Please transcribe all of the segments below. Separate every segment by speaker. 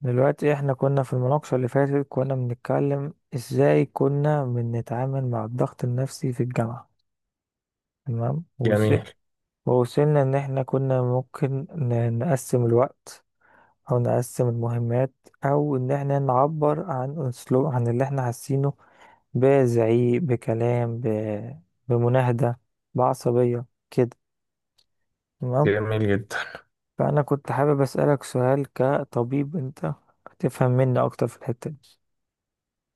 Speaker 1: دلوقتي احنا كنا في المناقشة اللي فاتت. كنا بنتكلم ازاي كنا بنتعامل مع الضغط النفسي في الجامعة. تمام، ووصل.
Speaker 2: جميل.
Speaker 1: ووصلنا ان احنا كنا ممكن نقسم الوقت، او نقسم المهمات، او ان احنا نعبر عن اسلوب عن اللي احنا حاسينه، بزعيق، بكلام، بمناهدة، بعصبية، كده. تمام.
Speaker 2: جميل جدا
Speaker 1: فانا كنت حابب اسألك سؤال، كطبيب انت تفهم مني اكتر في الحتة دي.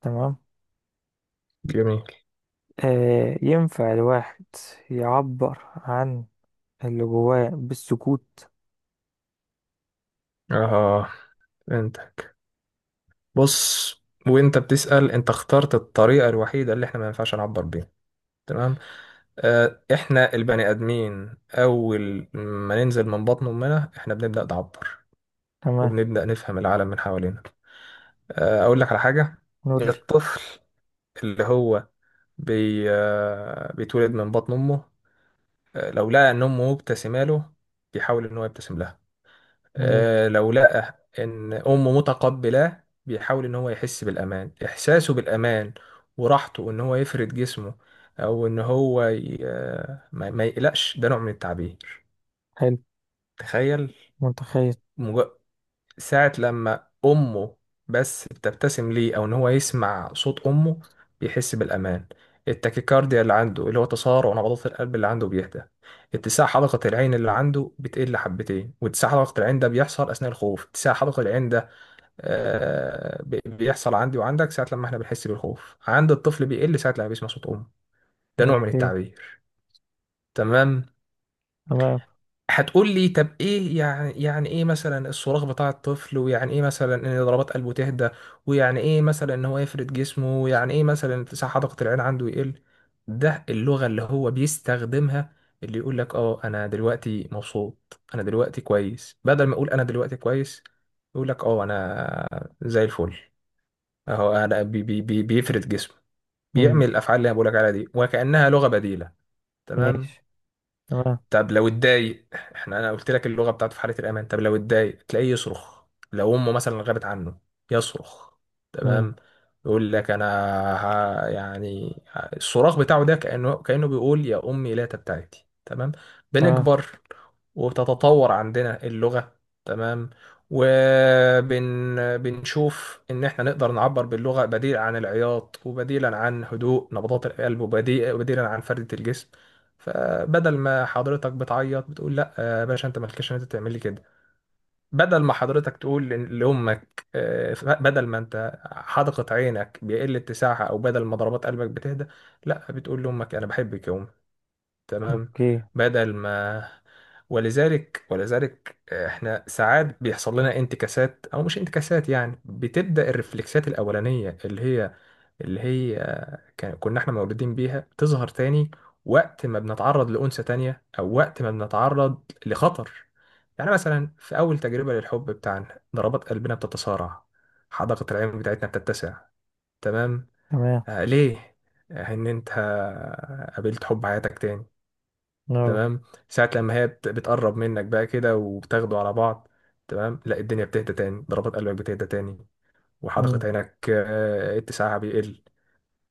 Speaker 1: تمام.
Speaker 2: جميل
Speaker 1: آه، ينفع الواحد يعبر عن اللي جواه بالسكوت؟
Speaker 2: اه، فهمتك. بص، وانت بتسأل انت اخترت الطريقة الوحيدة اللي احنا ما ينفعش نعبر بيها. تمام. آه، احنا البني ادمين اول ما ننزل من بطن امنا احنا بنبدأ نعبر
Speaker 1: تمام.
Speaker 2: وبنبدأ نفهم العالم من حوالينا. آه، اقول لك على حاجة.
Speaker 1: نقول لي.
Speaker 2: الطفل اللي هو بي آه بيتولد من بطن امه. آه، لو لقى ان امه مبتسمه له بيحاول ان هو يبتسم لها.
Speaker 1: مم،
Speaker 2: آه، لو لقى ان امه متقبلاه بيحاول ان هو يحس بالامان، احساسه بالامان وراحته ان هو يفرد جسمه او ان هو ي... آه، ما يقلقش. ده نوع من التعبير.
Speaker 1: حلو.
Speaker 2: تخيل،
Speaker 1: متخيل.
Speaker 2: مج... ساعة لما امه بس بتبتسم ليه او ان هو يسمع صوت امه بيحس بالامان. التاكيكارديا اللي عنده، اللي هو تسارع نبضات القلب اللي عنده، بيهدى. اتساع حلقة العين اللي عنده بتقل حبتين، واتساع حلقة العين ده بيحصل أثناء الخوف. اتساع حلقة العين ده بيحصل عندي وعندك ساعة لما احنا بنحس بالخوف، عند الطفل بيقل ساعة لما بيسمع صوت أمه. ده نوع من
Speaker 1: اوكي.
Speaker 2: التعبير. تمام.
Speaker 1: تمام.
Speaker 2: هتقول لي طب ايه يعني، يعني ايه مثلا الصراخ بتاع الطفل، ويعني ايه مثلا ان ضربات قلبه تهدى، ويعني ايه مثلا ان هو يفرد جسمه، ويعني ايه مثلا اتساع حدقة العين عنده يقل. ده اللغة اللي هو بيستخدمها، اللي يقول لك اه انا دلوقتي مبسوط، انا دلوقتي كويس. بدل ما اقول انا دلوقتي كويس يقول لك اه انا زي الفل. اهو انا بي بي بي بيفرد جسمه،
Speaker 1: مم.
Speaker 2: بيعمل الافعال اللي انا بقولك عليها دي وكانها لغه بديله. تمام.
Speaker 1: ماشي. تمام.
Speaker 2: طب لو اتضايق، احنا انا قلت لك اللغه بتاعته في حاله الامان، طب لو اتضايق تلاقيه يصرخ. لو امه مثلا غابت عنه يصرخ.
Speaker 1: مم.
Speaker 2: تمام. يقول لك انا، ها يعني الصراخ بتاعه ده كانه، بيقول يا امي لا تبتعدي. تمام.
Speaker 1: تمام.
Speaker 2: بنكبر وبتتطور عندنا اللغه. تمام. وبن بنشوف ان احنا نقدر نعبر باللغه بديل عن العياط، وبديلا عن هدوء نبضات القلب، وبديلا عن فرده الجسم. فبدل ما حضرتك بتعيط بتقول لا يا باشا انت مالكش ان انت تعمل لي كده، بدل ما حضرتك تقول لامك، بدل ما انت حدقت عينك بيقل اتساعها، او بدل ما ضربات قلبك بتهدى، لا بتقول لامك انا بحبك يا ام. تمام.
Speaker 1: اوكي.
Speaker 2: بدل ما، ولذلك احنا ساعات بيحصل لنا انتكاسات، او مش انتكاسات يعني، بتبدا الرفلكسات الاولانيه اللي هي، اللي هي كان كنا احنا مولودين بيها تظهر تاني وقت ما بنتعرض لأنثى تانية، أو وقت ما بنتعرض لخطر. يعني مثلا في أول تجربة للحب بتاعنا ضربات قلبنا بتتصارع، حدقة العين بتاعتنا بتتسع. تمام.
Speaker 1: تمام.
Speaker 2: آه ليه؟ آه، إن أنت قابلت حب حياتك تاني.
Speaker 1: نعم.
Speaker 2: تمام. ساعة لما هي بتقرب منك بقى كده وبتاخدوا على بعض، تمام لا، الدنيا بتهدى تاني، ضربات قلبك بتهدى تاني،
Speaker 1: مم.
Speaker 2: وحدقة عينك اتساعها بيقل.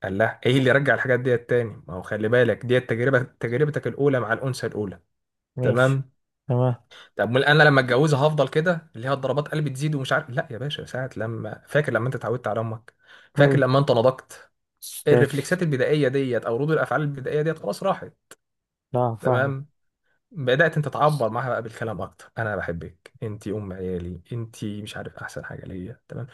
Speaker 2: قال لها ايه اللي يرجع الحاجات ديت تاني؟ ما هو خلي بالك ديت تجربه، تجربتك الاولى مع الانثى الاولى.
Speaker 1: ماشي.
Speaker 2: تمام.
Speaker 1: تمام.
Speaker 2: طب امال انا لما اتجوزها هفضل كده، اللي هي الضربات قلبي تزيد ومش عارف؟ لا يا باشا، ساعه لما فاكر لما انت اتعودت على امك،
Speaker 1: حلو.
Speaker 2: فاكر لما انت نضجت،
Speaker 1: مش فاكر.
Speaker 2: الرفلكسات البدائيه ديت او ردود الافعال البدائيه ديت خلاص راحت.
Speaker 1: لا، فاهمة.
Speaker 2: تمام. بدات انت تعبر معاها بقى بالكلام اكتر، انا بحبك، انت ام عيالي، انت مش عارف احسن حاجه ليا. تمام.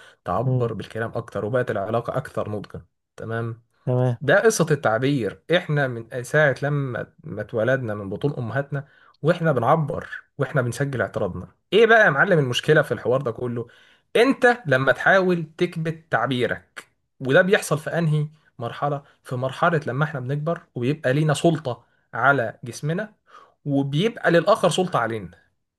Speaker 1: مم.
Speaker 2: تعبر بالكلام اكتر وبقت العلاقه اكثر نضجا. تمام.
Speaker 1: تمام.
Speaker 2: ده قصة التعبير، احنا من ساعة لما ما اتولدنا من بطون امهاتنا واحنا بنعبر، واحنا بنسجل اعتراضنا. ايه بقى يا معلم المشكلة في الحوار ده كله؟ انت لما تحاول تكبت تعبيرك. وده بيحصل في انهي مرحلة؟ في مرحلة لما احنا بنكبر وبيبقى لينا سلطة على جسمنا، وبيبقى للآخر سلطة علينا.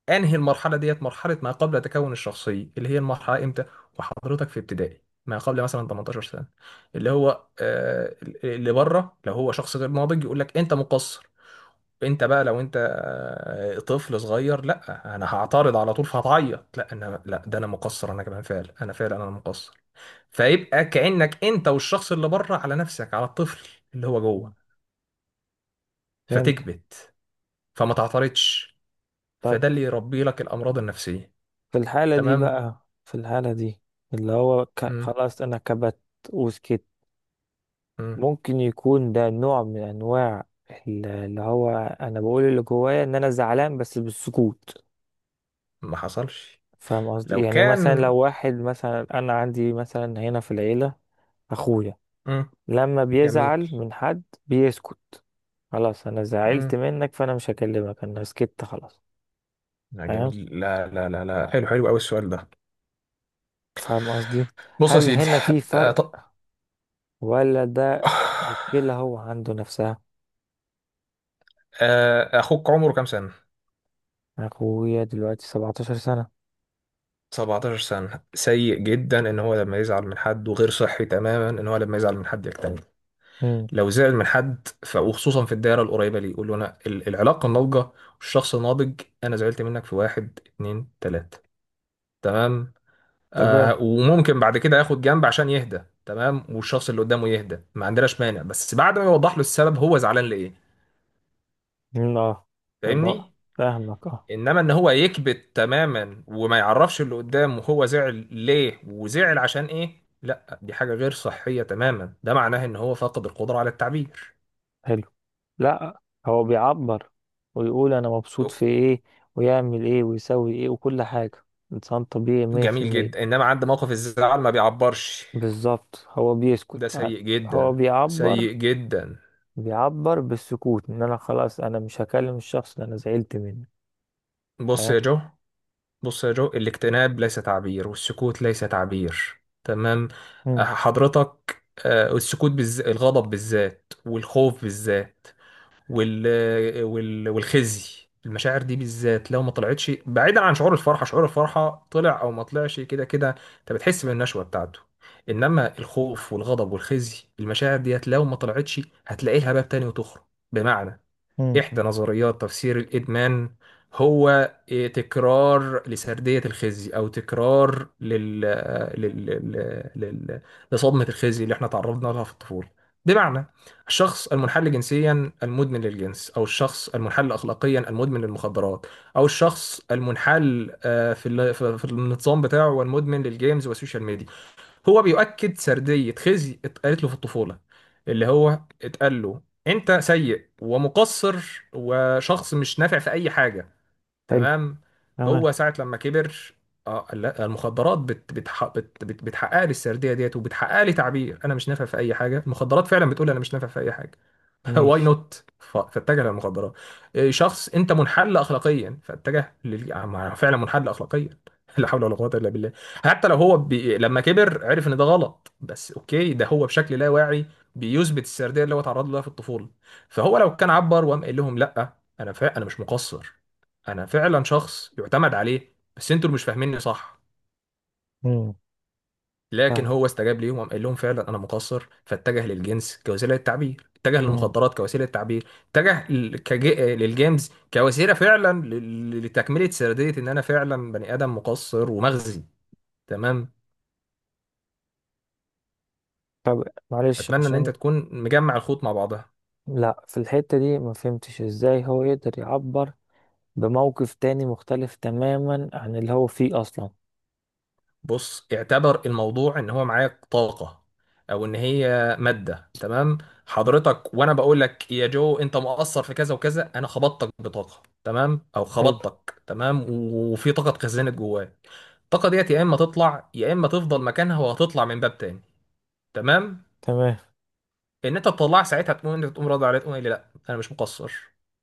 Speaker 2: انهي المرحله ديت؟ مرحله ما قبل تكون الشخصيه، اللي هي المرحله امتى؟ وحضرتك في ابتدائي، ما قبل مثلا 18 سنه. اللي هو اللي بره لو هو شخص غير ناضج يقول لك انت مقصر، انت بقى لو انت طفل صغير لا انا هعترض على طول فهتعيط، لا انا، لا ده انا مقصر، انا كمان فعلا، انا مقصر. فيبقى كانك انت والشخص اللي بره على نفسك، على الطفل اللي هو
Speaker 1: مم.
Speaker 2: جوه.
Speaker 1: فهمت.
Speaker 2: فتكبت، فما تعترضش،
Speaker 1: طيب،
Speaker 2: فده اللي يربي لك الامراض النفسيه.
Speaker 1: في الحالة دي
Speaker 2: تمام.
Speaker 1: بقى في الحالة دي اللي هو خلاص، أنا كبت وسكت.
Speaker 2: امم.
Speaker 1: ممكن يكون ده نوع من انواع، اللي هو انا بقول اللي جوايا ان انا زعلان بس بالسكوت.
Speaker 2: ما حصلش.
Speaker 1: فاهم قصدي؟
Speaker 2: لو
Speaker 1: يعني مثلا
Speaker 2: كان.
Speaker 1: لو واحد، مثلا انا عندي مثلا هنا في العيلة، اخويا
Speaker 2: مم.
Speaker 1: لما
Speaker 2: جميل.
Speaker 1: بيزعل من حد بيسكت. خلاص انا زعلت
Speaker 2: مم.
Speaker 1: منك فانا مش هكلمك، انا سكت خلاص.
Speaker 2: لا
Speaker 1: فاهم.
Speaker 2: جميل، لا لا لا لا حلو، حلو قوي السؤال ده.
Speaker 1: فاهم قصدي؟
Speaker 2: بص يا
Speaker 1: هل
Speaker 2: سيدي،
Speaker 1: هنا في
Speaker 2: آه
Speaker 1: فرق،
Speaker 2: ط...
Speaker 1: ولا ده مشكلة هو عنده نفسها؟
Speaker 2: آه اخوك عمره كام سنة؟
Speaker 1: اخويا دلوقتي 17 سنة.
Speaker 2: 17 سنة. سيء جدا ان هو لما يزعل من حد، وغير صحي تماما ان هو لما يزعل من حد يكتمل.
Speaker 1: امم
Speaker 2: لو زعل من حد وخصوصا في الدائرة القريبة ليه، يقول له انا العلاقة الناضجة والشخص الناضج، انا زعلت منك في واحد اتنين تلاتة. تمام.
Speaker 1: تمام.
Speaker 2: وممكن بعد كده ياخد جنب عشان يهدى. تمام. والشخص اللي قدامه يهدى ما عندناش مانع، بس بعد ما يوضح له السبب هو زعلان ليه.
Speaker 1: مم، اه. أبقى
Speaker 2: فاهمني؟
Speaker 1: فاهمك، اه.
Speaker 2: انما ان هو يكبت تماما وما يعرفش اللي قدامه هو زعل ليه وزعل عشان ايه، لا دي حاجة غير صحية تماما. ده معناه ان هو فقد القدرة على التعبير.
Speaker 1: حلو. لا، هو بيعبر ويقول انا مبسوط في ايه ويعمل ايه ويسوي ايه وكل حاجة. انسان طبيعي مية في
Speaker 2: جميل
Speaker 1: المية
Speaker 2: جدا. انما عند موقف الزعل ما بيعبرش،
Speaker 1: بالظبط، هو
Speaker 2: ده
Speaker 1: بيسكت ع-
Speaker 2: سيء
Speaker 1: هو
Speaker 2: جدا.
Speaker 1: بيعبر
Speaker 2: سيء جدا.
Speaker 1: بيعبر بالسكوت ان انا خلاص انا مش هكلم الشخص اللي انا زعلت منه.
Speaker 2: بص
Speaker 1: تمام.
Speaker 2: يا جو، بص يا جو، الاكتئاب ليس تعبير، والسكوت ليس تعبير. تمام.
Speaker 1: مم،
Speaker 2: حضرتك السكوت بالذات، الغضب بالذات، والخوف بالذات، والخزي، المشاعر دي بالذات لو ما طلعتش، بعيدا عن شعور الفرحة، شعور الفرحة طلع او ما طلعش كده كده انت بتحس بالنشوة بتاعته. انما الخوف والغضب والخزي، المشاعر ديت لو ما طلعتش هتلاقي لها باب تاني وتخرج. بمعنى،
Speaker 1: مم،
Speaker 2: إحدى نظريات تفسير الإدمان هو إيه، تكرار لسردية الخزي، أو تكرار لل... لل... لل... لصدمة الخزي اللي احنا تعرضنا لها في الطفولة. بمعنى، الشخص المنحل جنسيا المدمن للجنس، أو الشخص المنحل أخلاقيا المدمن للمخدرات، أو الشخص المنحل في في النظام بتاعه والمدمن للجيمز والسوشيال ميديا، هو بيؤكد سردية خزي اتقالت له في الطفولة، اللي هو اتقال له انت سيء ومقصر وشخص مش نافع في اي حاجة.
Speaker 1: حلو.
Speaker 2: تمام.
Speaker 1: تمام.
Speaker 2: هو ساعة لما كبر، اه لا، المخدرات بت بتح بت بت بتحقق لي السرديه ديت، وبتحقق لي تعبير انا مش نافع في اي حاجه، المخدرات فعلا بتقول انا مش نافع في اي حاجه. واي
Speaker 1: ماشي.
Speaker 2: نوت فاتجه للمخدرات. إيه، شخص انت منحل اخلاقيا فاتجه فعلا منحل اخلاقيا. لا حول ولا قوه الا بالله. حتى لو هو لما كبر عرف ان ده غلط، بس اوكي ده هو بشكل لا واعي بيثبت السرديه اللي هو اتعرض لها في الطفوله. فهو لو كان عبر وقام قال لهم لا، انا مش مقصر، انا فعلا شخص يعتمد عليه، بس انتوا اللي مش فاهميني صح.
Speaker 1: مم،
Speaker 2: لكن
Speaker 1: فاهم.
Speaker 2: هو استجاب ليهم وقام قال لهم فعلا انا مقصر، فاتجه للجنس كوسيله للتعبير، اتجه
Speaker 1: مم.
Speaker 2: للمخدرات كوسيله للتعبير، اتجه للجيمز كوسيله فعلا لتكمله سرديه ان انا فعلا بني ادم مقصر ومغزي. تمام.
Speaker 1: طب معلش،
Speaker 2: اتمنى ان
Speaker 1: عشان...
Speaker 2: انت تكون مجمع الخيوط مع بعضها.
Speaker 1: لا، في الحتة دي ما فهمتش ازاي هو يقدر يعبر بموقف تاني مختلف تماما عن اللي هو فيه أصلا.
Speaker 2: بص، اعتبر الموضوع ان هو معاك طاقة او ان هي مادة. تمام. حضرتك، وانا بقول لك يا جو انت مقصر في كذا وكذا، انا خبطتك بطاقة، تمام، او
Speaker 1: حلو.
Speaker 2: خبطتك، تمام، وفي طاقة اتخزنت جواك. الطاقة ديت يا اما تطلع، يا اما تفضل مكانها وهتطلع من باب تاني. تمام.
Speaker 1: تمام.
Speaker 2: ان انت تطلع ساعتها تقوم، انت تقوم راضي عليه، تقوم قايل لي لا انا مش مقصر،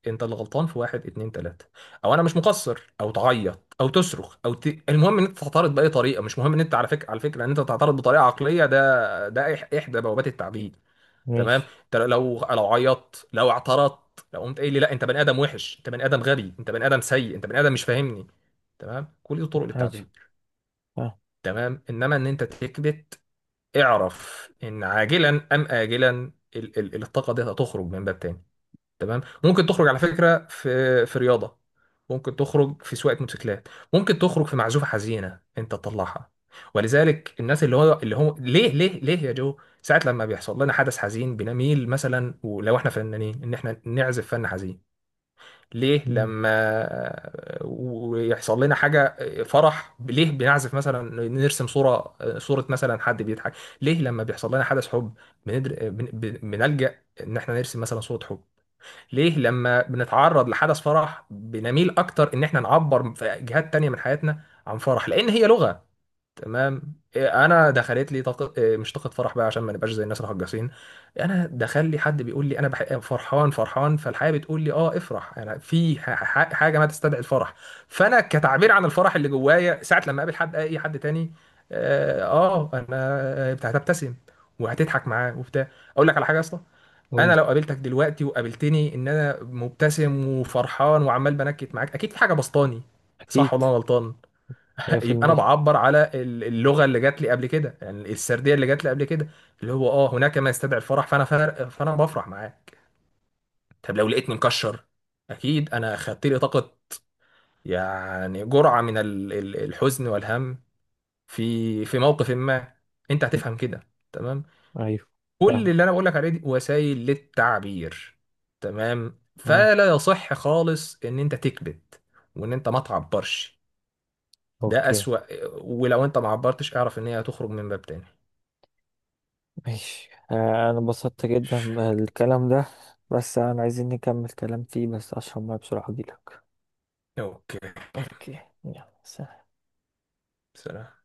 Speaker 2: انت اللي غلطان في واحد اتنين تلاته، او انا مش مقصر، او تعيط، او تصرخ، المهم ان انت تعترض باي طريقه. مش مهم ان انت على فكره، على فكره ان انت تعترض بطريقه عقليه، ده احدى بوابات التعديل. تمام.
Speaker 1: ماشي.
Speaker 2: انت لو، لو عيطت، لو اعترضت، لو قمت قايل لي لا انت بني ادم وحش، انت بني ادم غبي، انت بني ادم سيء، انت بني ادم مش فاهمني، تمام، كل دي طرق
Speaker 1: عجب.
Speaker 2: للتعبير.
Speaker 1: آه.
Speaker 2: تمام. انما ان انت تكبت، اعرف ان عاجلا ام اجلا الطاقه دي هتخرج من باب تاني. تمام. ممكن تخرج على فكره في رياضه، ممكن تخرج في سواقه موتوسيكلات، ممكن تخرج في معزوفه حزينه انت تطلعها. ولذلك الناس اللي هو اللي هو ليه ليه يا جو ساعات لما بيحصل لنا حدث حزين بنميل مثلا، ولو احنا فنانين، ان احنا نعزف فن حزين؟ ليه
Speaker 1: مم.
Speaker 2: لما ويحصل لنا حاجة فرح ليه بنعزف مثلا، نرسم صورة، صورة مثلا حد بيضحك؟ ليه لما بيحصل لنا حدث حب بنلجأ ان احنا نرسم مثلا صورة حب؟ ليه لما بنتعرض لحدث فرح بنميل اكتر ان احنا نعبر في جهات تانية من حياتنا عن فرح؟ لان هي لغة. تمام. إيه، انا دخلت لي طاقه إيه، مش طاقه فرح بقى عشان ما نبقاش زي الناس الهجاسين. انا دخل لي حد بيقول لي انا فرحان، فرحان، فالحياه بتقول لي اه افرح، انا في حاجه ما تستدعي الفرح. فانا كتعبير عن الفرح اللي جوايا، ساعه لما اقابل حد، اي حد تاني، اه آه، انا آه، هتبتسم وهتضحك معاه وبتاع. اقول لك على حاجه يا اسطى. انا
Speaker 1: قولي.
Speaker 2: لو قابلتك دلوقتي وقابلتني ان انا مبتسم وفرحان وعمال بنكت معاك، اكيد في حاجه بسطاني.
Speaker 1: أكيد.
Speaker 2: صح ولا أنا غلطان؟
Speaker 1: مية في
Speaker 2: يبقى انا
Speaker 1: المية
Speaker 2: بعبر على اللغه اللي جات لي قبل كده، يعني السرديه اللي جات لي قبل كده، اللي هو اه هناك ما يستدعي الفرح، فانا بفرح معاك. طب لو لقيتني مكشر، اكيد انا خدت لي طاقه، يعني جرعه من الحزن والهم في موقف ما، انت
Speaker 1: مم.
Speaker 2: هتفهم كده. تمام.
Speaker 1: أيوه.
Speaker 2: كل
Speaker 1: فاهم.
Speaker 2: اللي انا بقول لك عليه دي وسائل للتعبير. تمام.
Speaker 1: آه.
Speaker 2: فلا يصح خالص ان انت تكبت وان انت ما تعبرش. ده
Speaker 1: أوكي.
Speaker 2: اسوأ. ولو انت ما عبرتش اعرف ان هي هتخرج من باب تاني.
Speaker 1: ماشي. آه. أنا انبسطت جدا
Speaker 2: ماشي.
Speaker 1: بالكلام ده. بس أنا عايزين نكمل كلام فيه، بس أشرب مية بسرعة أجيلك.
Speaker 2: اوكي.
Speaker 1: أوكي. يلا، سلام.
Speaker 2: سلام.